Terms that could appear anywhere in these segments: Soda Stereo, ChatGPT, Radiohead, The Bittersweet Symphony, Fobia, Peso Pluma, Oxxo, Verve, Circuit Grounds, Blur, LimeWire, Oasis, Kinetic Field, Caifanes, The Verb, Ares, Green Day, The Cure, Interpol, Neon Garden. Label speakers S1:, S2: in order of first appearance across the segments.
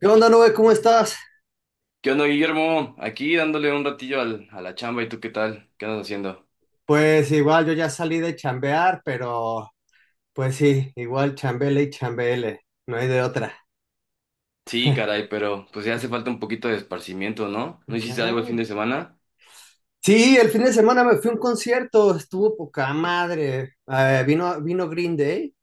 S1: ¿Qué onda, Nube? ¿Cómo estás?
S2: ¿Qué onda, Guillermo? Aquí dándole un ratillo a la chamba, ¿y tú qué tal? ¿Qué andas haciendo?
S1: Pues igual yo ya salí de chambear, pero pues sí, igual chambele y chambele, no hay de otra.
S2: Sí, caray, pero pues ya hace falta un poquito de esparcimiento, ¿no? ¿No hiciste algo el fin de
S1: Ah.
S2: semana?
S1: Sí, el fin de semana me fui a un concierto, estuvo poca madre. Vino Green Day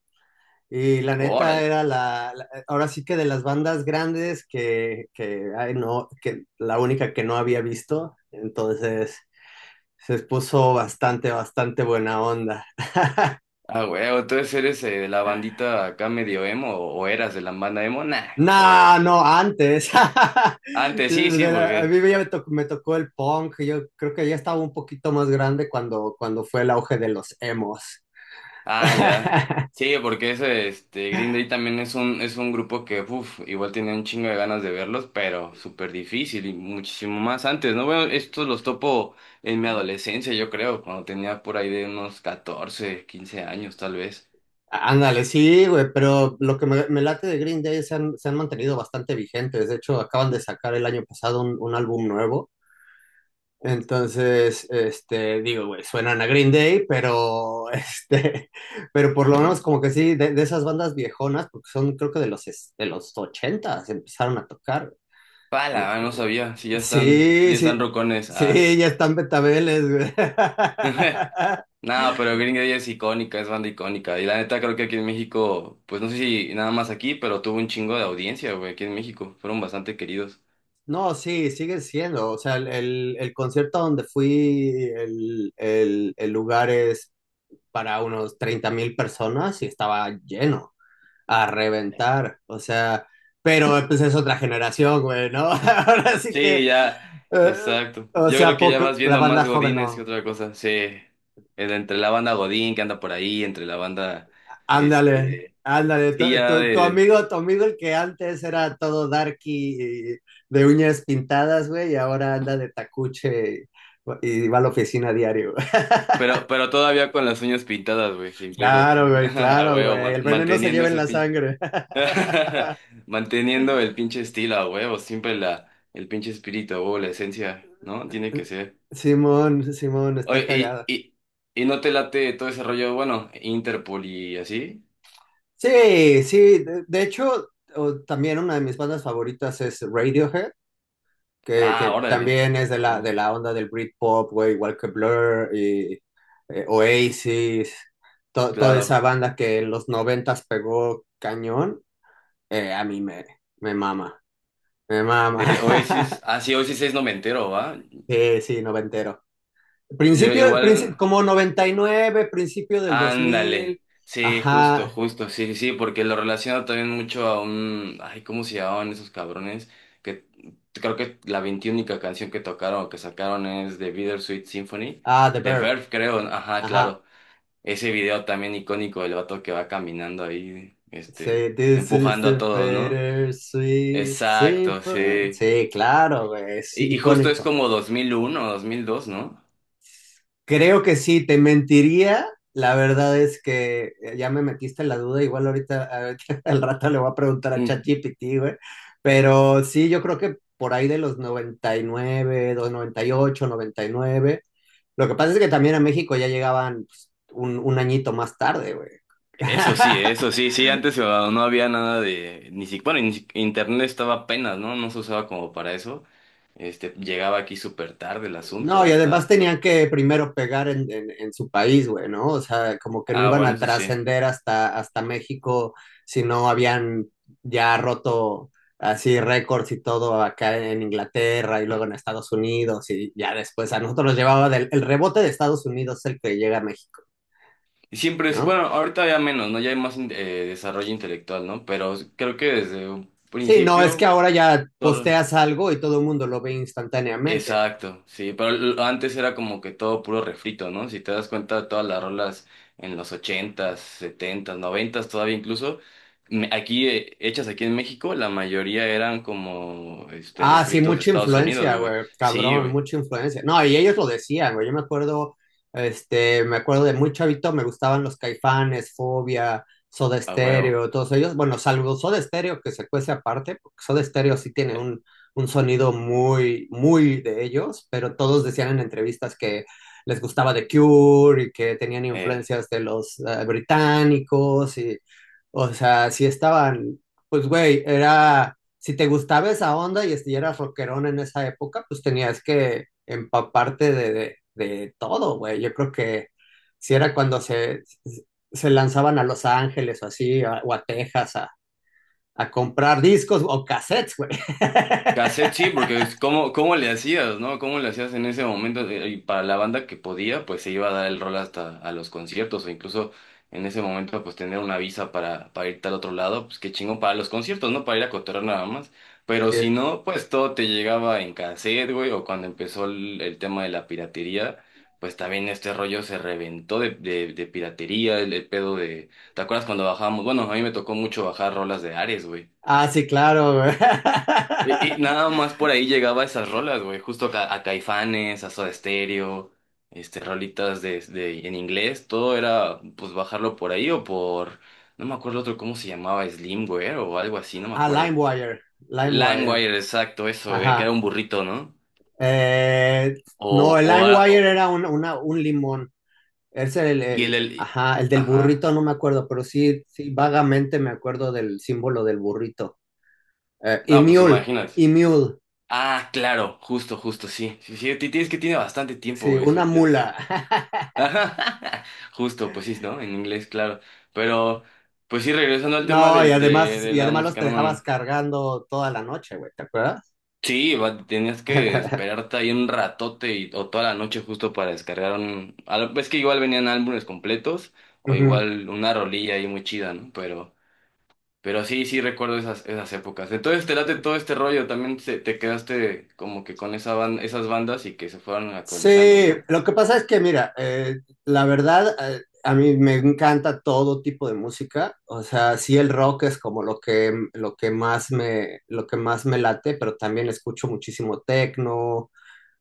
S1: y la neta
S2: Órale.
S1: era ahora sí que de las bandas grandes que, ay, no, que la única que no había visto, entonces se puso bastante, bastante buena onda.
S2: Ah, huevo, entonces eres de la bandita acá medio emo, o eras de la banda emo, nah.
S1: No,
S2: O
S1: no, antes.
S2: antes sí, sí,
S1: A
S2: porque
S1: mí ya me tocó el punk. Yo creo que ya estaba un poquito más grande cuando fue el auge de los emos.
S2: ah, ya. Sí, porque Green Day también es un grupo que, uff, igual tenía un chingo de ganas de verlos, pero súper difícil y muchísimo más antes, ¿no? Bueno, estos los topo en mi adolescencia, yo creo, cuando tenía por ahí de unos 14, 15 años, tal vez.
S1: Ándale, sí, güey, pero lo que me late de Green Day se han mantenido bastante vigentes. De hecho, acaban de sacar el año pasado un álbum nuevo. Entonces, este, digo, güey, suenan a Green Day, pero, este, pero por lo menos como que sí, de esas bandas viejonas, porque son creo que de los ochentas empezaron a tocar. Eh,
S2: Pala, no
S1: eh,
S2: sabía, si ya están, estos
S1: Sí,
S2: ya
S1: sí,
S2: están rocones, ah.
S1: sí, ya están betabeles, güey.
S2: No, pero Green Day es icónica, es banda icónica. Y la neta creo que aquí en México, pues no sé si nada más aquí, pero tuvo un chingo de audiencia, güey, aquí en México. Fueron bastante queridos.
S1: No, sí, sigue siendo. O sea, el concierto donde fui, el lugar es para unos 30.000 personas y estaba lleno, a reventar. O sea, pero pues es otra generación, güey, ¿no? Ahora sí que,
S2: Sí, ya,
S1: eh,
S2: exacto.
S1: o
S2: Yo creo
S1: sea,
S2: que ya
S1: poco,
S2: vas
S1: la
S2: viendo
S1: banda
S2: más
S1: joven
S2: Godines que
S1: no.
S2: otra cosa. Sí, el- entre la banda Godín que anda por ahí, entre la banda,
S1: Ándale,
S2: este,
S1: ándale,
S2: sí, ya de,
S1: tu amigo el que antes era todo darky y de uñas pintadas, güey, y ahora anda de tacuche y va a la oficina diario, güey.
S2: pero todavía con las uñas pintadas, güey, sin pedos.
S1: Claro, güey,
S2: A
S1: claro,
S2: huevo,
S1: güey.
S2: man-
S1: El veneno se
S2: manteniendo
S1: lleva en
S2: ese
S1: la
S2: pinche,
S1: sangre.
S2: manteniendo el pinche estilo, a huevo, siempre la, el pinche espíritu, a huevo, la esencia, ¿no? Tiene que ser.
S1: Simón, Simón, está
S2: Oye,
S1: cagada.
S2: y no te late todo ese rollo, bueno, Interpol y así.
S1: Sí, sí, de hecho, también una de mis bandas favoritas es Radiohead, que,
S2: Ah,
S1: que
S2: órale.
S1: también es de
S2: A
S1: la, de
S2: huevo.
S1: la onda del Britpop, güey, igual que Blur y Oasis, toda esa
S2: Claro.
S1: banda que en los noventas pegó cañón. A me mama, me mama.
S2: Oasis, ah, sí, Oasis es no me entero, ¿va?
S1: Sí, sí, noventero.
S2: Yo
S1: Principio,
S2: igual,
S1: como 99, principio del 2000.
S2: ándale. Sí, justo,
S1: Ajá.
S2: justo, sí, sí, sí, porque lo relaciono también mucho a un, ay, ¿cómo se llamaban esos cabrones? Que creo que la veintiúnica canción que tocaron o que sacaron es The Bittersweet Symphony,
S1: Ah, The
S2: de
S1: Verb,
S2: Verve, creo, ajá,
S1: ajá.
S2: claro. Ese video también icónico del vato que va caminando ahí,
S1: Sí,
S2: este,
S1: this is
S2: empujando a
S1: the
S2: todos, ¿no?
S1: better sweet
S2: Exacto,
S1: symphony.
S2: sí.
S1: Sí, claro, güey, es
S2: Y justo es
S1: icónico.
S2: como 2001 o 2002, ¿no?
S1: Creo que sí, te mentiría. La verdad es que ya me metiste la duda, igual ahorita, ahorita al rato le voy a preguntar a ChatGPT, güey. Pero sí, yo creo que por ahí de los noventa y nueve, dos, 98, 99. Lo que pasa es que también a México ya llegaban pues, un añito más tarde, güey.
S2: Eso sí, sí, antes no había nada de, ni siquiera, bueno, ni si- internet estaba apenas, ¿no? No se usaba como para eso. Este, llegaba aquí súper tarde el
S1: No,
S2: asunto,
S1: y además
S2: hasta,
S1: tenían que primero pegar en su país, güey, ¿no? O sea, como que no
S2: ah,
S1: iban
S2: bueno,
S1: a
S2: eso sí.
S1: trascender hasta México si no habían ya roto así récords y todo acá en Inglaterra y luego en Estados Unidos y ya después a nosotros nos llevaba del, el rebote de Estados Unidos el que llega a México,
S2: Y siempre, es-
S1: ¿no?
S2: bueno, ahorita ya menos, ¿no? Ya hay más in- desarrollo intelectual, ¿no? Pero creo que desde un
S1: Sí, no, es que
S2: principio,
S1: ahora ya posteas algo y todo el mundo lo ve instantáneamente.
S2: exacto, sí, pero l- antes era como que todo puro refrito, ¿no? Si te das cuenta, todas las rolas en los ochentas, setentas, noventas, todavía incluso, me- aquí, hechas aquí en México, la mayoría eran como, este,
S1: Ah, sí,
S2: refritos de
S1: mucha
S2: Estados Unidos,
S1: influencia,
S2: güey.
S1: güey,
S2: Sí,
S1: cabrón,
S2: güey,
S1: mucha influencia. No, y ellos lo decían, güey, yo me acuerdo, este, me acuerdo de muy chavito, me gustaban los Caifanes, Fobia, Soda
S2: a huevo.
S1: Stereo, todos ellos, bueno, salvo Soda Stereo que se cuece aparte, porque Soda Stereo sí tiene
S2: Eh,
S1: un sonido muy, muy de ellos, pero todos decían en entrevistas que les gustaba The Cure y que tenían
S2: eh,
S1: influencias de los británicos y, o sea, sí estaban, pues, güey, era si te gustaba esa onda y si eras rockerón en esa época, pues tenías que empaparte de todo, güey. Yo creo que si era cuando se lanzaban a Los Ángeles o así, o a Texas, a comprar discos o cassettes, güey.
S2: Cassette sí, porque es cómo, cómo le hacías, ¿no? ¿Cómo le hacías en ese momento? Y para la banda que podía, pues se iba a dar el rol hasta a los conciertos, o incluso en ese momento, pues tener una visa para irte al otro lado, pues qué chingón para los conciertos, ¿no? Para ir a cotorrear nada más. Pero si
S1: Sí.
S2: no, pues todo te llegaba en cassette, güey, o cuando empezó el tema de la piratería, pues también este rollo se reventó de piratería, el pedo de... ¿Te acuerdas cuando bajábamos? Bueno, a mí me tocó mucho bajar rolas de Ares, güey.
S1: Ah, sí, claro, güey.
S2: Y nada más por ahí llegaba esas rolas, güey. Justo Caifanes, a Soda Stereo, este, rolitas de- en inglés. Todo era, pues, bajarlo por ahí o por... No me acuerdo otro cómo se llamaba, Slimware o algo así, no me
S1: A
S2: acuerdo.
S1: LimeWire, LimeWire,
S2: LimeWire, exacto, eso, que era
S1: ajá.
S2: un burrito, ¿no?
S1: Eh, no, el
S2: O, a- o-
S1: LimeWire era un limón. Es
S2: y el...
S1: ajá, el del
S2: Ajá.
S1: burrito, no me acuerdo, pero sí, sí, vagamente me acuerdo del símbolo del burrito. Y
S2: No, pues
S1: mule,
S2: imagínate.
S1: y mule,
S2: Ah, claro, justo, justo, sí. Sí, sí, ti- tienes que tiene bastante tiempo,
S1: sí,
S2: güey, eso.
S1: una mula.
S2: Ajá, justo, pues sí, ¿no? En inglés, claro. Pero, pues sí, regresando al tema
S1: No,
S2: del-
S1: y
S2: la
S1: además los
S2: música, no
S1: dejabas
S2: mames.
S1: cargando toda la noche, güey, ¿te acuerdas?
S2: Sí, va- tenías que esperarte ahí un ratote y- o toda la noche justo para descargar un... al- Es que igual venían álbumes completos o
S1: Ujú.
S2: igual una rolilla ahí muy chida, ¿no? Pero sí, sí recuerdo esas épocas. Entonces te late todo este rollo, también se- te quedaste como que con esa ban- esas bandas y que se fueron actualizando,
S1: Sí,
S2: ¿no?
S1: lo que pasa es que, mira, la verdad, a mí me encanta todo tipo de música. O sea, sí el rock es como lo que más me late, pero también escucho muchísimo techno.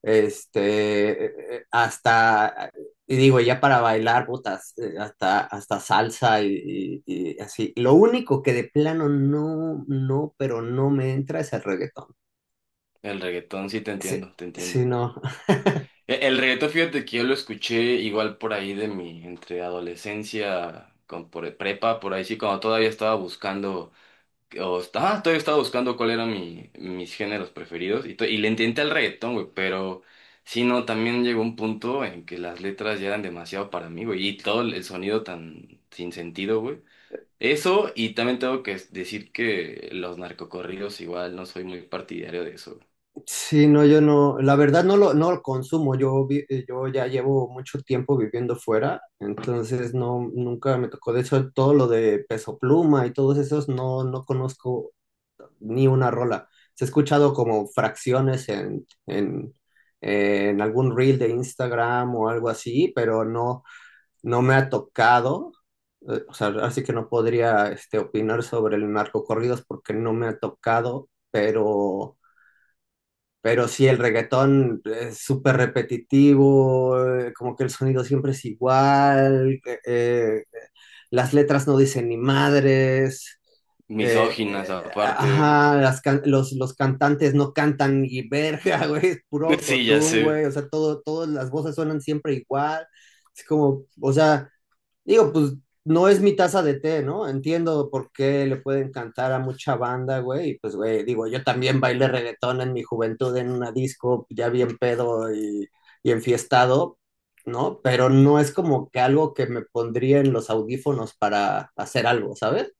S1: Este, hasta, y digo, ya para bailar, botas, hasta, hasta salsa y así. Lo único que de plano no, no, pero no me entra es el reggaetón.
S2: El reggaetón, sí te
S1: Sí,
S2: entiendo, te
S1: sí,
S2: entiendo.
S1: no,
S2: E- El reggaetón, fíjate que yo lo escuché igual por ahí de mi, entre adolescencia, con, por e-, prepa, por ahí sí, cuando todavía estaba buscando, o, está- ah, todavía estaba buscando cuál eran mi, mis géneros preferidos, y, to- y le intenté al reggaetón, güey, pero sí, no, también llegó un punto en que las letras ya eran demasiado para mí, güey, y todo el sonido tan sin sentido, güey. Eso, y también tengo que decir que los narcocorridos igual no soy muy partidario de eso. Güey.
S1: sí, no, yo no, la verdad no lo, consumo. Yo, yo ya llevo mucho tiempo viviendo fuera, entonces no, nunca me tocó. De hecho, todo lo de Peso Pluma y todos esos no, no conozco ni una rola. Se ha escuchado como fracciones en algún reel de Instagram o algo así, pero no, no me ha tocado. O sea, así que no podría este, opinar sobre el narcocorridos porque no me ha tocado, pero sí, el reggaetón es súper repetitivo, como que el sonido siempre es igual. Las letras no dicen ni madres,
S2: Misóginas aparte.
S1: ajá, los cantantes no cantan ni verga, güey, es puro
S2: Sí, ya
S1: autotune,
S2: sé.
S1: güey, o sea, todas las voces suenan siempre igual, es como, o sea. Digo, pues no es mi taza de té, ¿no? Entiendo por qué le puede encantar a mucha banda, güey. Y pues, güey, digo, yo también bailé reggaetón en mi juventud en una disco, ya bien pedo y enfiestado, ¿no? Pero no es como que algo que me pondría en los audífonos para hacer algo, ¿sabes?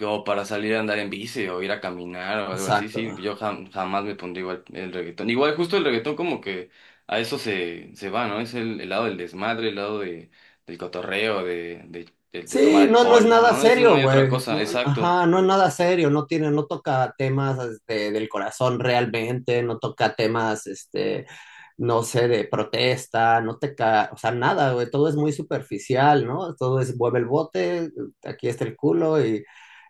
S2: O para salir a andar en bici o ir a caminar o algo así,
S1: Exacto.
S2: sí, yo jam- jamás me pondría igual el reggaetón. Igual justo el reggaetón como que a eso se va, ¿no? Es el lado del desmadre, el lado de, del cotorreo, de tomar
S1: Sí, no, no es
S2: alcohol,
S1: nada
S2: ¿no? Eso no
S1: serio,
S2: hay otra
S1: güey.
S2: cosa,
S1: No,
S2: exacto.
S1: ajá, no es nada serio, no tiene, no toca temas este, del corazón realmente, no toca temas, este, no sé, de protesta, no toca, o sea, nada, güey, todo es muy superficial, ¿no? Todo es mueve el bote, aquí está el culo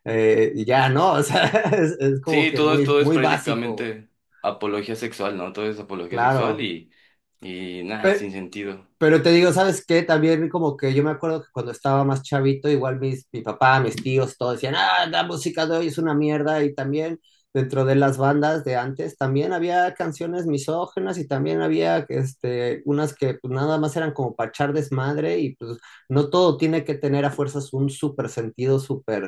S1: y
S2: Eh,
S1: ya, ¿no? O sea, es como
S2: sí,
S1: que
S2: todo
S1: muy,
S2: esto es
S1: muy básico, güey,
S2: prácticamente apología sexual, ¿no? Todo es apología sexual
S1: claro.
S2: y
S1: Pe-
S2: nada,
S1: Pero,
S2: sin sentido.
S1: Pero te digo, ¿sabes qué? También como que yo me acuerdo que cuando estaba más chavito, igual mis, mi papá, mis tíos, todos decían, ah, la música de hoy es una mierda. Y también dentro de las bandas de antes, también había canciones misóginas y también había este, unas que pues, nada más eran como para echar desmadre y pues no todo tiene que tener a fuerzas un súper sentido, súper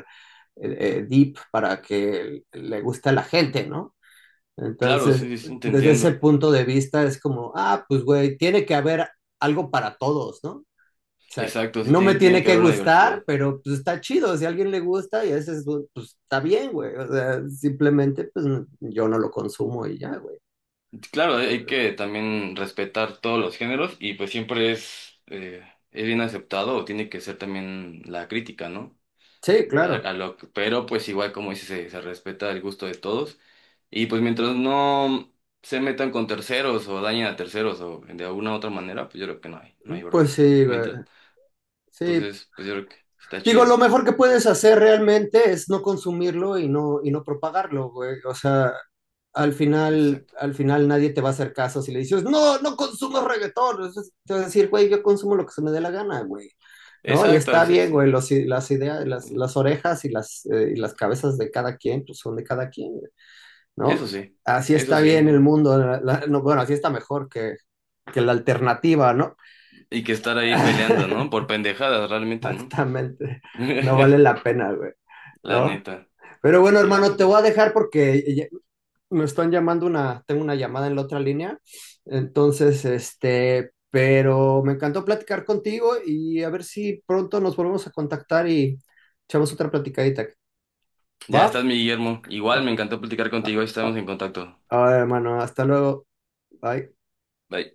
S1: deep para que le guste a la gente, ¿no?
S2: Claro,
S1: Entonces,
S2: sí, sí, sí, te
S1: desde ese
S2: entiendo.
S1: punto de vista es como, ah, pues güey, tiene que haber algo para todos, ¿no? O sea,
S2: Exacto, sí
S1: no me
S2: tiene, tiene
S1: tiene
S2: que
S1: que
S2: haber una
S1: gustar,
S2: diversidad.
S1: pero pues está chido, si a alguien le gusta y a veces, pues está bien, güey. O sea, simplemente pues yo no lo consumo y ya, güey.
S2: Claro, hay que también respetar todos los géneros y pues siempre es bien aceptado o tiene que ser también la crítica, ¿no?
S1: Sí, claro.
S2: A lo que- pero pues igual como dices, se respeta el gusto de todos y pues mientras no se metan con terceros o dañen a terceros o de alguna u otra manera, pues yo creo que no hay, no hay
S1: Pues
S2: bronca.
S1: sí, güey.
S2: Mientras,
S1: Sí.
S2: entonces, pues yo creo que está
S1: Digo, lo
S2: chido.
S1: mejor que puedes hacer realmente es no consumirlo y no propagarlo, güey. O sea,
S2: Exacto.
S1: al final nadie te va a hacer caso si le dices, no, no consumo reggaetón. Entonces, te vas a decir, güey, yo consumo lo que se me dé la gana, güey. ¿No? Y
S2: Exacto,
S1: está
S2: sí,
S1: bien, güey,
S2: sí.
S1: los, las ideas, las orejas y las cabezas de cada quien, pues son de cada quien,
S2: Eso
S1: ¿no?
S2: sí,
S1: Así
S2: eso
S1: está
S2: sí.
S1: bien el mundo, no, bueno, así está mejor que la alternativa, ¿no?
S2: Y que estar ahí peleando, ¿no? Por pendejadas realmente, no
S1: Exactamente, no vale la pena, güey,
S2: la
S1: ¿no?
S2: neta,
S1: Pero bueno,
S2: sí, la
S1: hermano, te
S2: neta.
S1: voy a dejar porque me están llamando una, tengo una llamada en la otra línea, entonces, este, pero me encantó platicar contigo y a ver si pronto nos volvemos a contactar y echamos otra platicadita.
S2: Ya
S1: ¿Va?
S2: estás, mi Guillermo. Igual
S1: Ah,
S2: me encantó platicar
S1: ah,
S2: contigo, ahí estamos
S1: ah,
S2: en contacto.
S1: ah, hermano, hasta luego. Bye.
S2: Bye.